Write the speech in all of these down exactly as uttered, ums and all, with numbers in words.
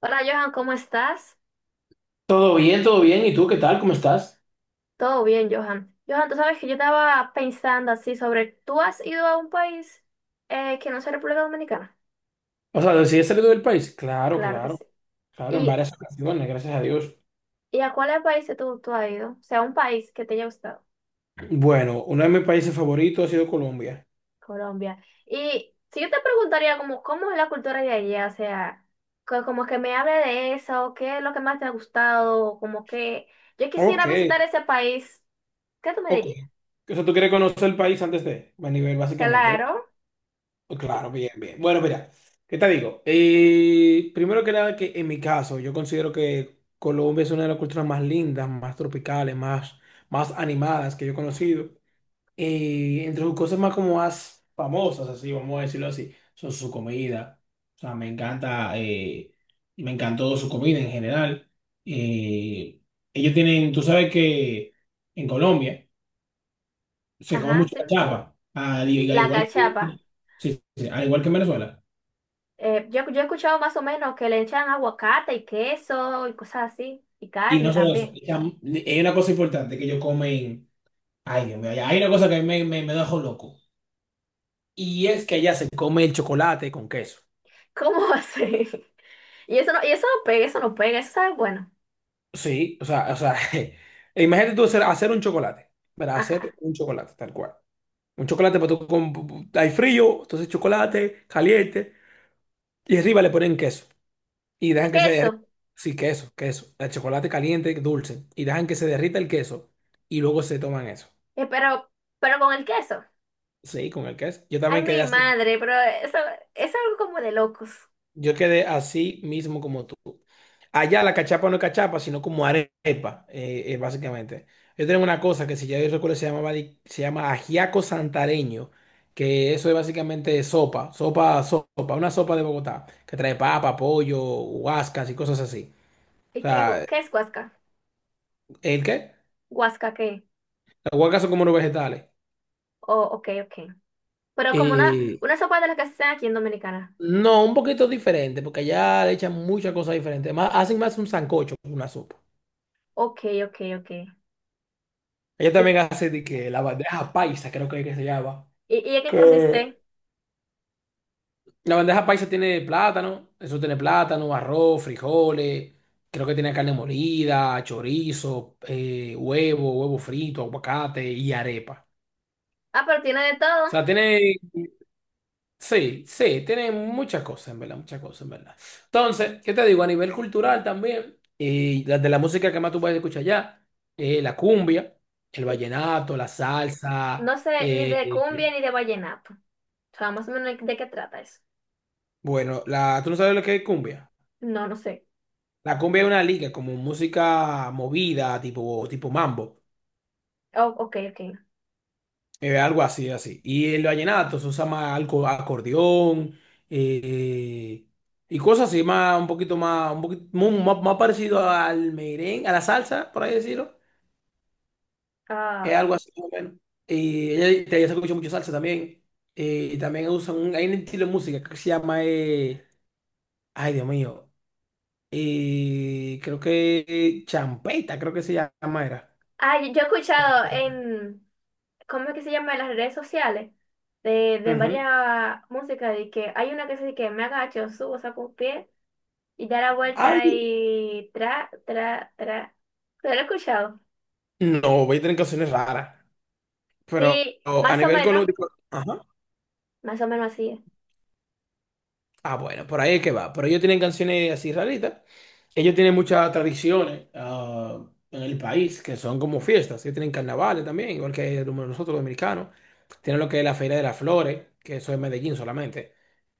Hola Johan, ¿cómo estás? Todo bien, todo bien. ¿Y tú qué tal? ¿Cómo estás? Todo bien, Johan. Johan, tú sabes que yo estaba pensando así sobre, ¿tú has ido a un país eh, que no sea República Dominicana? O sea, ¿decidiste salir del país? Claro, Claro que sí. claro, claro, en ¿Y, varias ocasiones, gracias a Dios. y a cuáles países tú, tú has ido? O sea, un país que te haya gustado, Bueno, uno de mis países favoritos ha sido Colombia. Colombia. Y si yo te preguntaría como, ¿cómo es la cultura de allá? O sea, co- como que me hable de eso, ¿qué es lo que más te ha gustado? O como que yo quisiera Ok, visitar ese país, ¿qué tú me ok. dirías? O sea, tú quieres conocer el país antes de, a nivel básicamente, ¿verdad? Claro. Pues claro, bien, bien. Bueno, mira, ¿qué te digo? Eh, primero que nada, que en mi caso, yo considero que Colombia es una de las culturas más lindas, más tropicales, más, más animadas que yo he conocido. Eh, entre sus cosas más como más famosas, así, vamos a decirlo así, son su comida. O sea, me encanta, eh, me encantó su comida en general. Eh, Ellos tienen, tú sabes que en Colombia se come Ajá, mucha sí. cachapa, al, al La igual cachapa. que, sí, sí, al igual que en Venezuela. Eh, yo, yo he escuchado más o menos que le echan aguacate y queso y cosas así. Y Y carne no solo eso, también. ya- hay una cosa importante que ellos comen, ay Dios mío, hay una cosa que a mí me, me, me dejó loco. Y es que allá se come el chocolate con queso. ¿Cómo así? Y eso no, y eso no pega, eso no pega, eso sabe bueno. Sí, o sea, o sea, e imagínate tú hacer, hacer un chocolate, ¿verdad? Hacer Ajá. un chocolate, tal cual. Un chocolate, pues tú con- hay frío, entonces chocolate, caliente, y arriba le ponen queso. Y dejan que se derrita. Queso. Sí, queso, queso. El chocolate caliente, dulce. Y dejan que se derrita el queso. Y luego se toman eso. Eh, pero, pero con el queso. Sí, con el queso. Yo Ay, también quedé mi así. madre, pero eso, es algo como de locos. Yo quedé así mismo como tú. Allá la cachapa no es cachapa, sino como arepa, eh, eh, básicamente. Yo tengo una cosa que si ya yo recuerdo se llamaba, di- se llama ajiaco santareño, que eso es básicamente sopa, sopa, sopa, una sopa de Bogotá, que trae papa, pollo, huascas y cosas así. O ¿Y qué, gu- sea, qué es guasca? ¿el qué? ¿Guasca qué? Las huascas son como unos vegetales. Oh, ok, ok. Pero como una, Eh, una sopa de las que se hacen aquí en Dominicana. no, un poquito diferente, porque allá le echan muchas cosas diferentes. Más, hacen más un sancocho que una sopa. Ok, ok, ok. Ella ¿Y, también hace de que la bandeja paisa, creo que, es que se llama. y, y en qué Que consiste? la bandeja paisa tiene plátano, eso tiene plátano, arroz, frijoles, creo que tiene carne molida, chorizo, eh, huevo, huevo frito, aguacate y arepa. Ah, pero tiene de O todo. sea, tiene, sí, sí, tiene muchas cosas, en verdad, muchas cosas, en verdad. Entonces, ¿qué te digo? A nivel cultural también, y la de la música que más tú puedes escuchar allá, eh, la cumbia, el Y vallenato, la no salsa, sé ni eh, de cumbia ni de vallenato. O sea, más o menos de qué trata eso. bueno, la, ¿tú no sabes lo que es cumbia? No, no sé. La cumbia es una liga, como música movida, tipo, tipo mambo, Oh, ok, ok. eh, algo así, así. Y el vallenato se usa más algo, acordeón eh, y cosas así, más, un poquito más, un poquito, mu- más, más parecido al merengue, a la salsa, por ahí decirlo. Es Ah, algo así, más o menos. Y ella, te- ella se escucha mucho salsa también. Eh, y también usan, un, hay un estilo de música que se llama, eh, ay Dios mío, eh, creo que eh, champeta, creo que se llama, era. ah, yo yo he escuchado en, ¿cómo es que se llama? En las redes sociales, de, de Ujú. varias músicas, de que hay una que dice que me agacho, subo, saco un pie y da la vuelta y tra, tra, tra. ¿Te ¿Lo he escuchado? No, voy a tener canciones raras, pero Sí, a más o nivel menos, económico, ajá. más o menos así es. Ah, bueno, por ahí es que va. Pero ellos tienen canciones así raritas. Ellos tienen muchas tradiciones ah, en el país que son como fiestas. Ellos tienen carnavales también, igual que nosotros los dominicanos. Tienen lo que es la Feria de las Flores, que eso es Medellín solamente.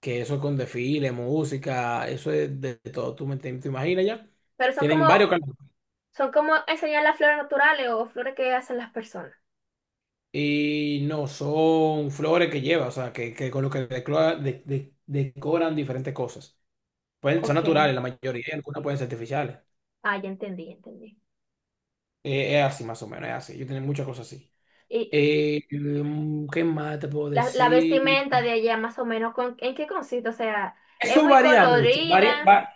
Que eso es con desfile, música, eso es de todo. ¿Tú me te, te imaginas ya? Pero son Tienen como varios carnavales. son como enseñar las flores naturales o flores que hacen las personas. Y no, son flores que lleva, o sea, que, que con lo que decora- de- de- decoran diferentes cosas. Pueden, son Ok. naturales la mayoría, y algunas pueden ser artificiales. Ah, ya entendí, ya entendí. Eh, es así más o menos, es así. Yo tengo muchas cosas así. Y Eh, mm, ¿qué más te puedo la, la decir? vestimenta de allá, más o menos, ¿con- ¿en qué consiste? O sea, es Eso muy varía mucho, varía, colorida, va-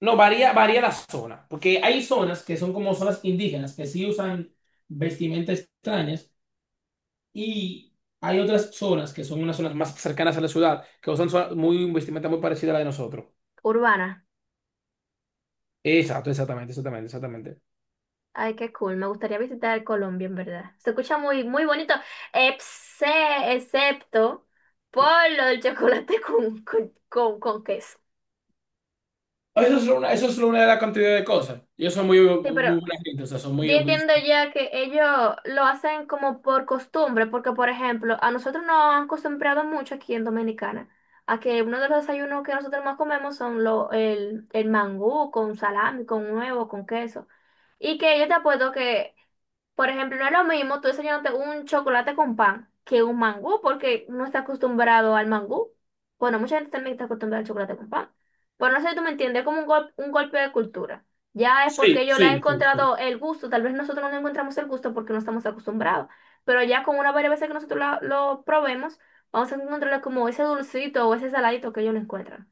no, varía, varía la zona, porque hay zonas que son como zonas indígenas, que sí usan vestimentas extrañas, y hay otras zonas que son unas zonas más cercanas a la ciudad, que usan so- muy, vestimenta muy parecida a la de nosotros. urbana. Exacto, exactamente, exactamente, exactamente. Ay, qué cool. Me gustaría visitar Colombia, en verdad. Se escucha muy, muy bonito, exce- excepto por lo del chocolate con, con, con, con queso. Eso es una, eso es una de las cantidades de cosas. Ellos son muy, Sí, pero muy buena gente, o sea, son yo muy... muy- entiendo ya que ellos lo hacen como por costumbre, porque por ejemplo, a nosotros nos han acostumbrado mucho aquí en Dominicana a que uno de los desayunos que nosotros más comemos son lo, el, el mangú con salami, con huevo, con queso. Y que yo te apuesto que, por ejemplo, no es lo mismo tú desayunarte un chocolate con pan que un mangú, porque uno está acostumbrado al mangú. Bueno, mucha gente también está acostumbrada al chocolate con pan. Pero no sé si tú me entiendes, es como un, gol- un golpe de cultura. Ya es Sí, porque yo le he sí, sí, sí. encontrado el gusto, tal vez nosotros no le encontramos el gusto porque no estamos acostumbrados, pero ya con una varias veces que nosotros la- lo probemos, vamos a encontrarle como ese dulcito o ese saladito que ellos le encuentran.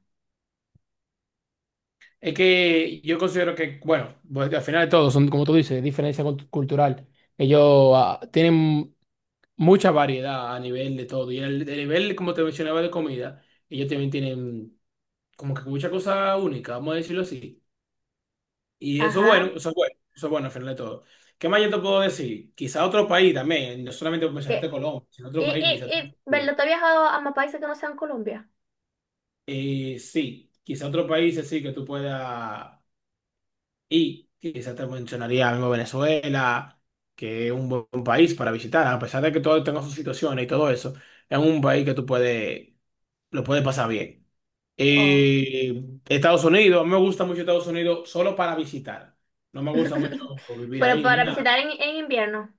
Es que yo considero que, bueno, pues, al final de todo, son, como tú dices, diferencia cult- cultural. Ellos ah, tienen mucha variedad a nivel de todo. Y el, el nivel, como te mencionaba, de comida, ellos también tienen como que mucha cosa única, vamos a decirlo así. Y eso es bueno, Ajá. eso es bueno, eso es bueno al final de todo. ¿Qué más yo te puedo decir? Quizá otro país también, no solamente ¿Qué? mencionaste Colombia, sino ¿Y, otro país, quizá. y, y, verdad, tú has viajado a más países que no sean Colombia? Eh, sí, quizá otro país así que tú puedas ir. Quizá te mencionaría mismo Venezuela, que es un buen país para visitar, a pesar de que todo tenga sus situaciones y todo eso, es un país que tú puedes, lo puedes pasar bien. Oh. Eh, Estados Unidos, a mí me gusta mucho Estados Unidos solo para visitar. No me gusta mucho vivir Pero ahí ni para nada. visitar en, en invierno.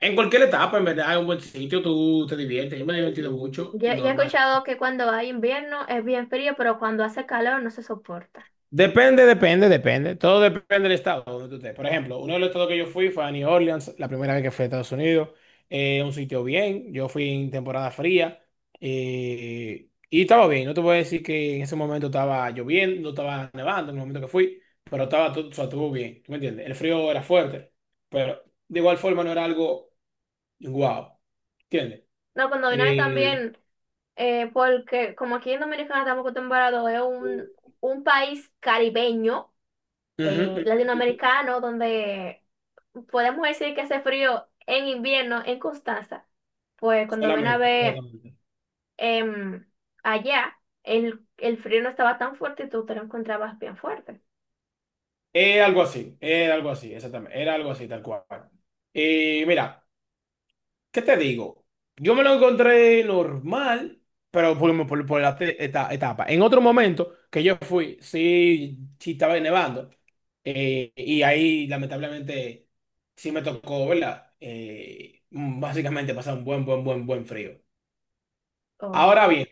En cualquier etapa, en verdad, es un buen sitio, tú te diviertes. Yo me he divertido mucho, Yo, yo he normal. escuchado que cuando hay invierno es bien frío, pero cuando hace calor no se soporta. Depende, depende, depende. Todo depende del estado donde tú estés. Por ejemplo, uno de los estados que yo fui fue a New Orleans, la primera vez que fui a Estados Unidos. Eh, un sitio bien. Yo fui en temporada fría. Eh, y estaba bien. No te voy a decir que en ese momento estaba lloviendo, no estaba nevando en el momento que fui, pero estaba todo, o sea, estuvo bien. ¿Tú me entiendes? El frío era fuerte, pero de igual forma no era algo guau. ¿Entiendes? No, cuando vino a ver Eh, también... Eh, porque como aquí en Dominicana estamos acostumbrados, es un, un país caribeño, Ujú, eh, ujú, ujú. latinoamericano, donde podemos decir que hace frío en invierno en Constanza. Pues cuando ven a Solamente, ver exactamente. em, allá, el, el frío no estaba tan fuerte y tú te lo encontrabas bien fuerte. Era algo así, era algo así, exactamente. Era algo así, tal cual. Y mira, ¿qué te digo? Yo me lo encontré normal, pero por, por, por la te- eta- etapa. En otro momento que yo fui, sí, sí estaba nevando. Eh, y ahí, lamentablemente, sí me tocó, ¿verdad? Eh, mm, básicamente pasar un buen, buen, buen, buen frío. Oh, Ahora bien,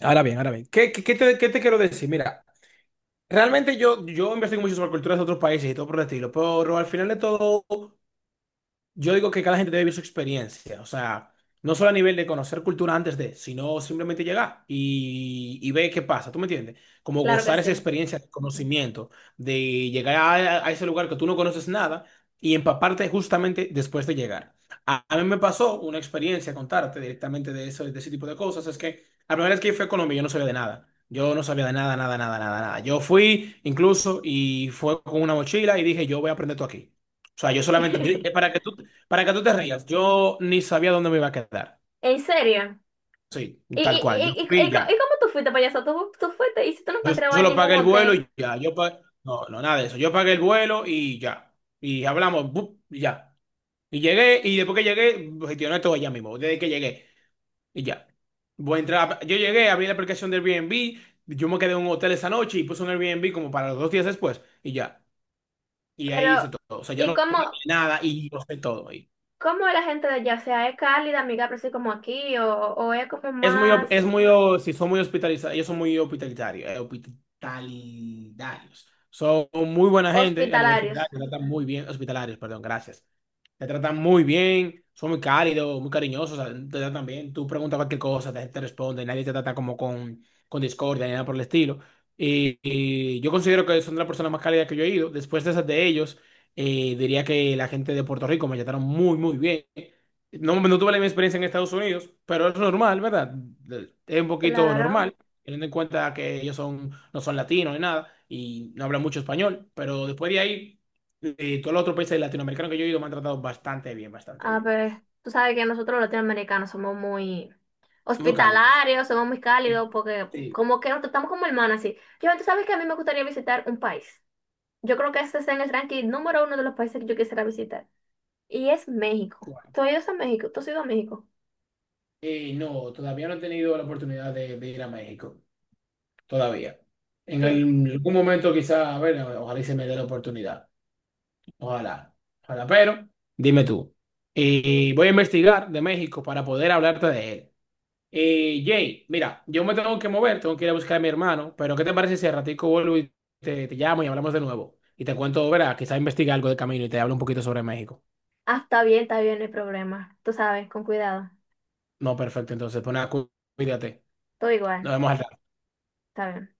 ahora bien, ahora bien. ¿Qué, qué- qué te, qué te quiero decir? Mira. Realmente yo, yo investigo mucho sobre culturas de otros países y todo por el estilo, pero al final de todo yo digo que cada gente debe vivir su experiencia, o sea, no solo a nivel de conocer cultura antes de, sino simplemente llegar y, y ver qué pasa, ¿tú me entiendes? Como claro que gozar sí. esa experiencia de conocimiento, de llegar a, a ese lugar que tú no conoces nada y empaparte justamente después de llegar. A, a mí me pasó una experiencia, contarte directamente de eso, de ese tipo de cosas, es que la primera vez que fui a Colombia yo no sabía de nada. Yo no sabía de nada, nada, nada, nada, nada. Yo fui incluso y fue con una mochila y dije, yo voy a aprender todo aquí. O sea, yo solamente, yo- eh, para que tú, para que tú te rías, yo ni sabía dónde me iba a quedar. ¿En serio? Sí, ¿Y, tal y, cual. Yo y, fui y, y y co- ya. y cómo tú fuiste, payaso? ¿Tú, tú fuiste y si tú no Yo encontrabas solo ningún pagué el vuelo hotel? y ya. Yo pa- No, no, nada de eso. Yo pagué el vuelo y ya. Y hablamos, bup, y ya. Y llegué, y después que llegué, gestioné todo allá mismo. Desde que llegué, y ya. Voy a entrar. a- Yo llegué, abrí la aplicación del Airbnb. Yo me quedé en un hotel esa noche y puse un Airbnb como para los dos días después, y ya. Y ahí Pero, hice todo. O sea, yo ¿y no planeé cómo? nada y yo sé todo. ¿Cómo es la gente de allá? O sea, ¿es cálida, amigable, así como aquí? ¿O, o es como Es muy, op- más Es muy, o- sí, son muy hospitalizados, ellos son muy hospitalitarios, eh, hospitalidarios. Son muy buena gente a nivel general, hospitalarios? te tratan muy bien, hospitalarios, perdón, gracias. Te tratan muy bien, son muy cálidos, muy cariñosos, o sea, te tratan bien. Tú preguntas cualquier cosa, te, te responde, nadie te trata como con, con discordia ni nada por el estilo. Y, y yo considero que son de las personas más cálidas que yo he ido. Después de esas de ellos, eh, diría que la gente de Puerto Rico me trataron muy, muy bien. No, no tuve la misma experiencia en Estados Unidos, pero es normal, ¿verdad? Es un poquito Claro. normal, teniendo en cuenta que ellos son, no son latinos ni nada y no hablan mucho español, pero después de ahí, eh, todos los otros países latinoamericanos que yo he ido me han tratado bastante bien, bastante A bien. ver, tú sabes que nosotros los latinoamericanos somos muy Muy cálidos. hospitalarios, somos muy cálidos, porque Sí, como que nos tratamos como hermanos, así. Yo, tú sabes que a mí me gustaría visitar un país. Yo creo que este está en el ranking número uno de los países que yo quisiera visitar. Y es México. Cuba. ¿Tú has ido a México? ¿Tú has ido a México? Eh, no, todavía no he tenido la oportunidad de, de ir a México, todavía. En Sí. algún momento quizá, a ver, ojalá y se me dé la oportunidad. Ojalá, ojalá, pero dime tú. Y voy a investigar de México para poder hablarte de él. Eh, Jay, mira, yo me tengo que mover, tengo que ir a buscar a mi hermano, pero ¿qué te parece si al ratico vuelvo y te, te llamo y hablamos de nuevo? Y te cuento, verá, quizás investigue algo de camino y te hablo un poquito sobre México. Ah, está bien, está bien, no hay problema. Tú sabes, con cuidado. No, perfectto, entonces, pues nada, cu- cuídate. Todo Nos igual. vemos al Está bien.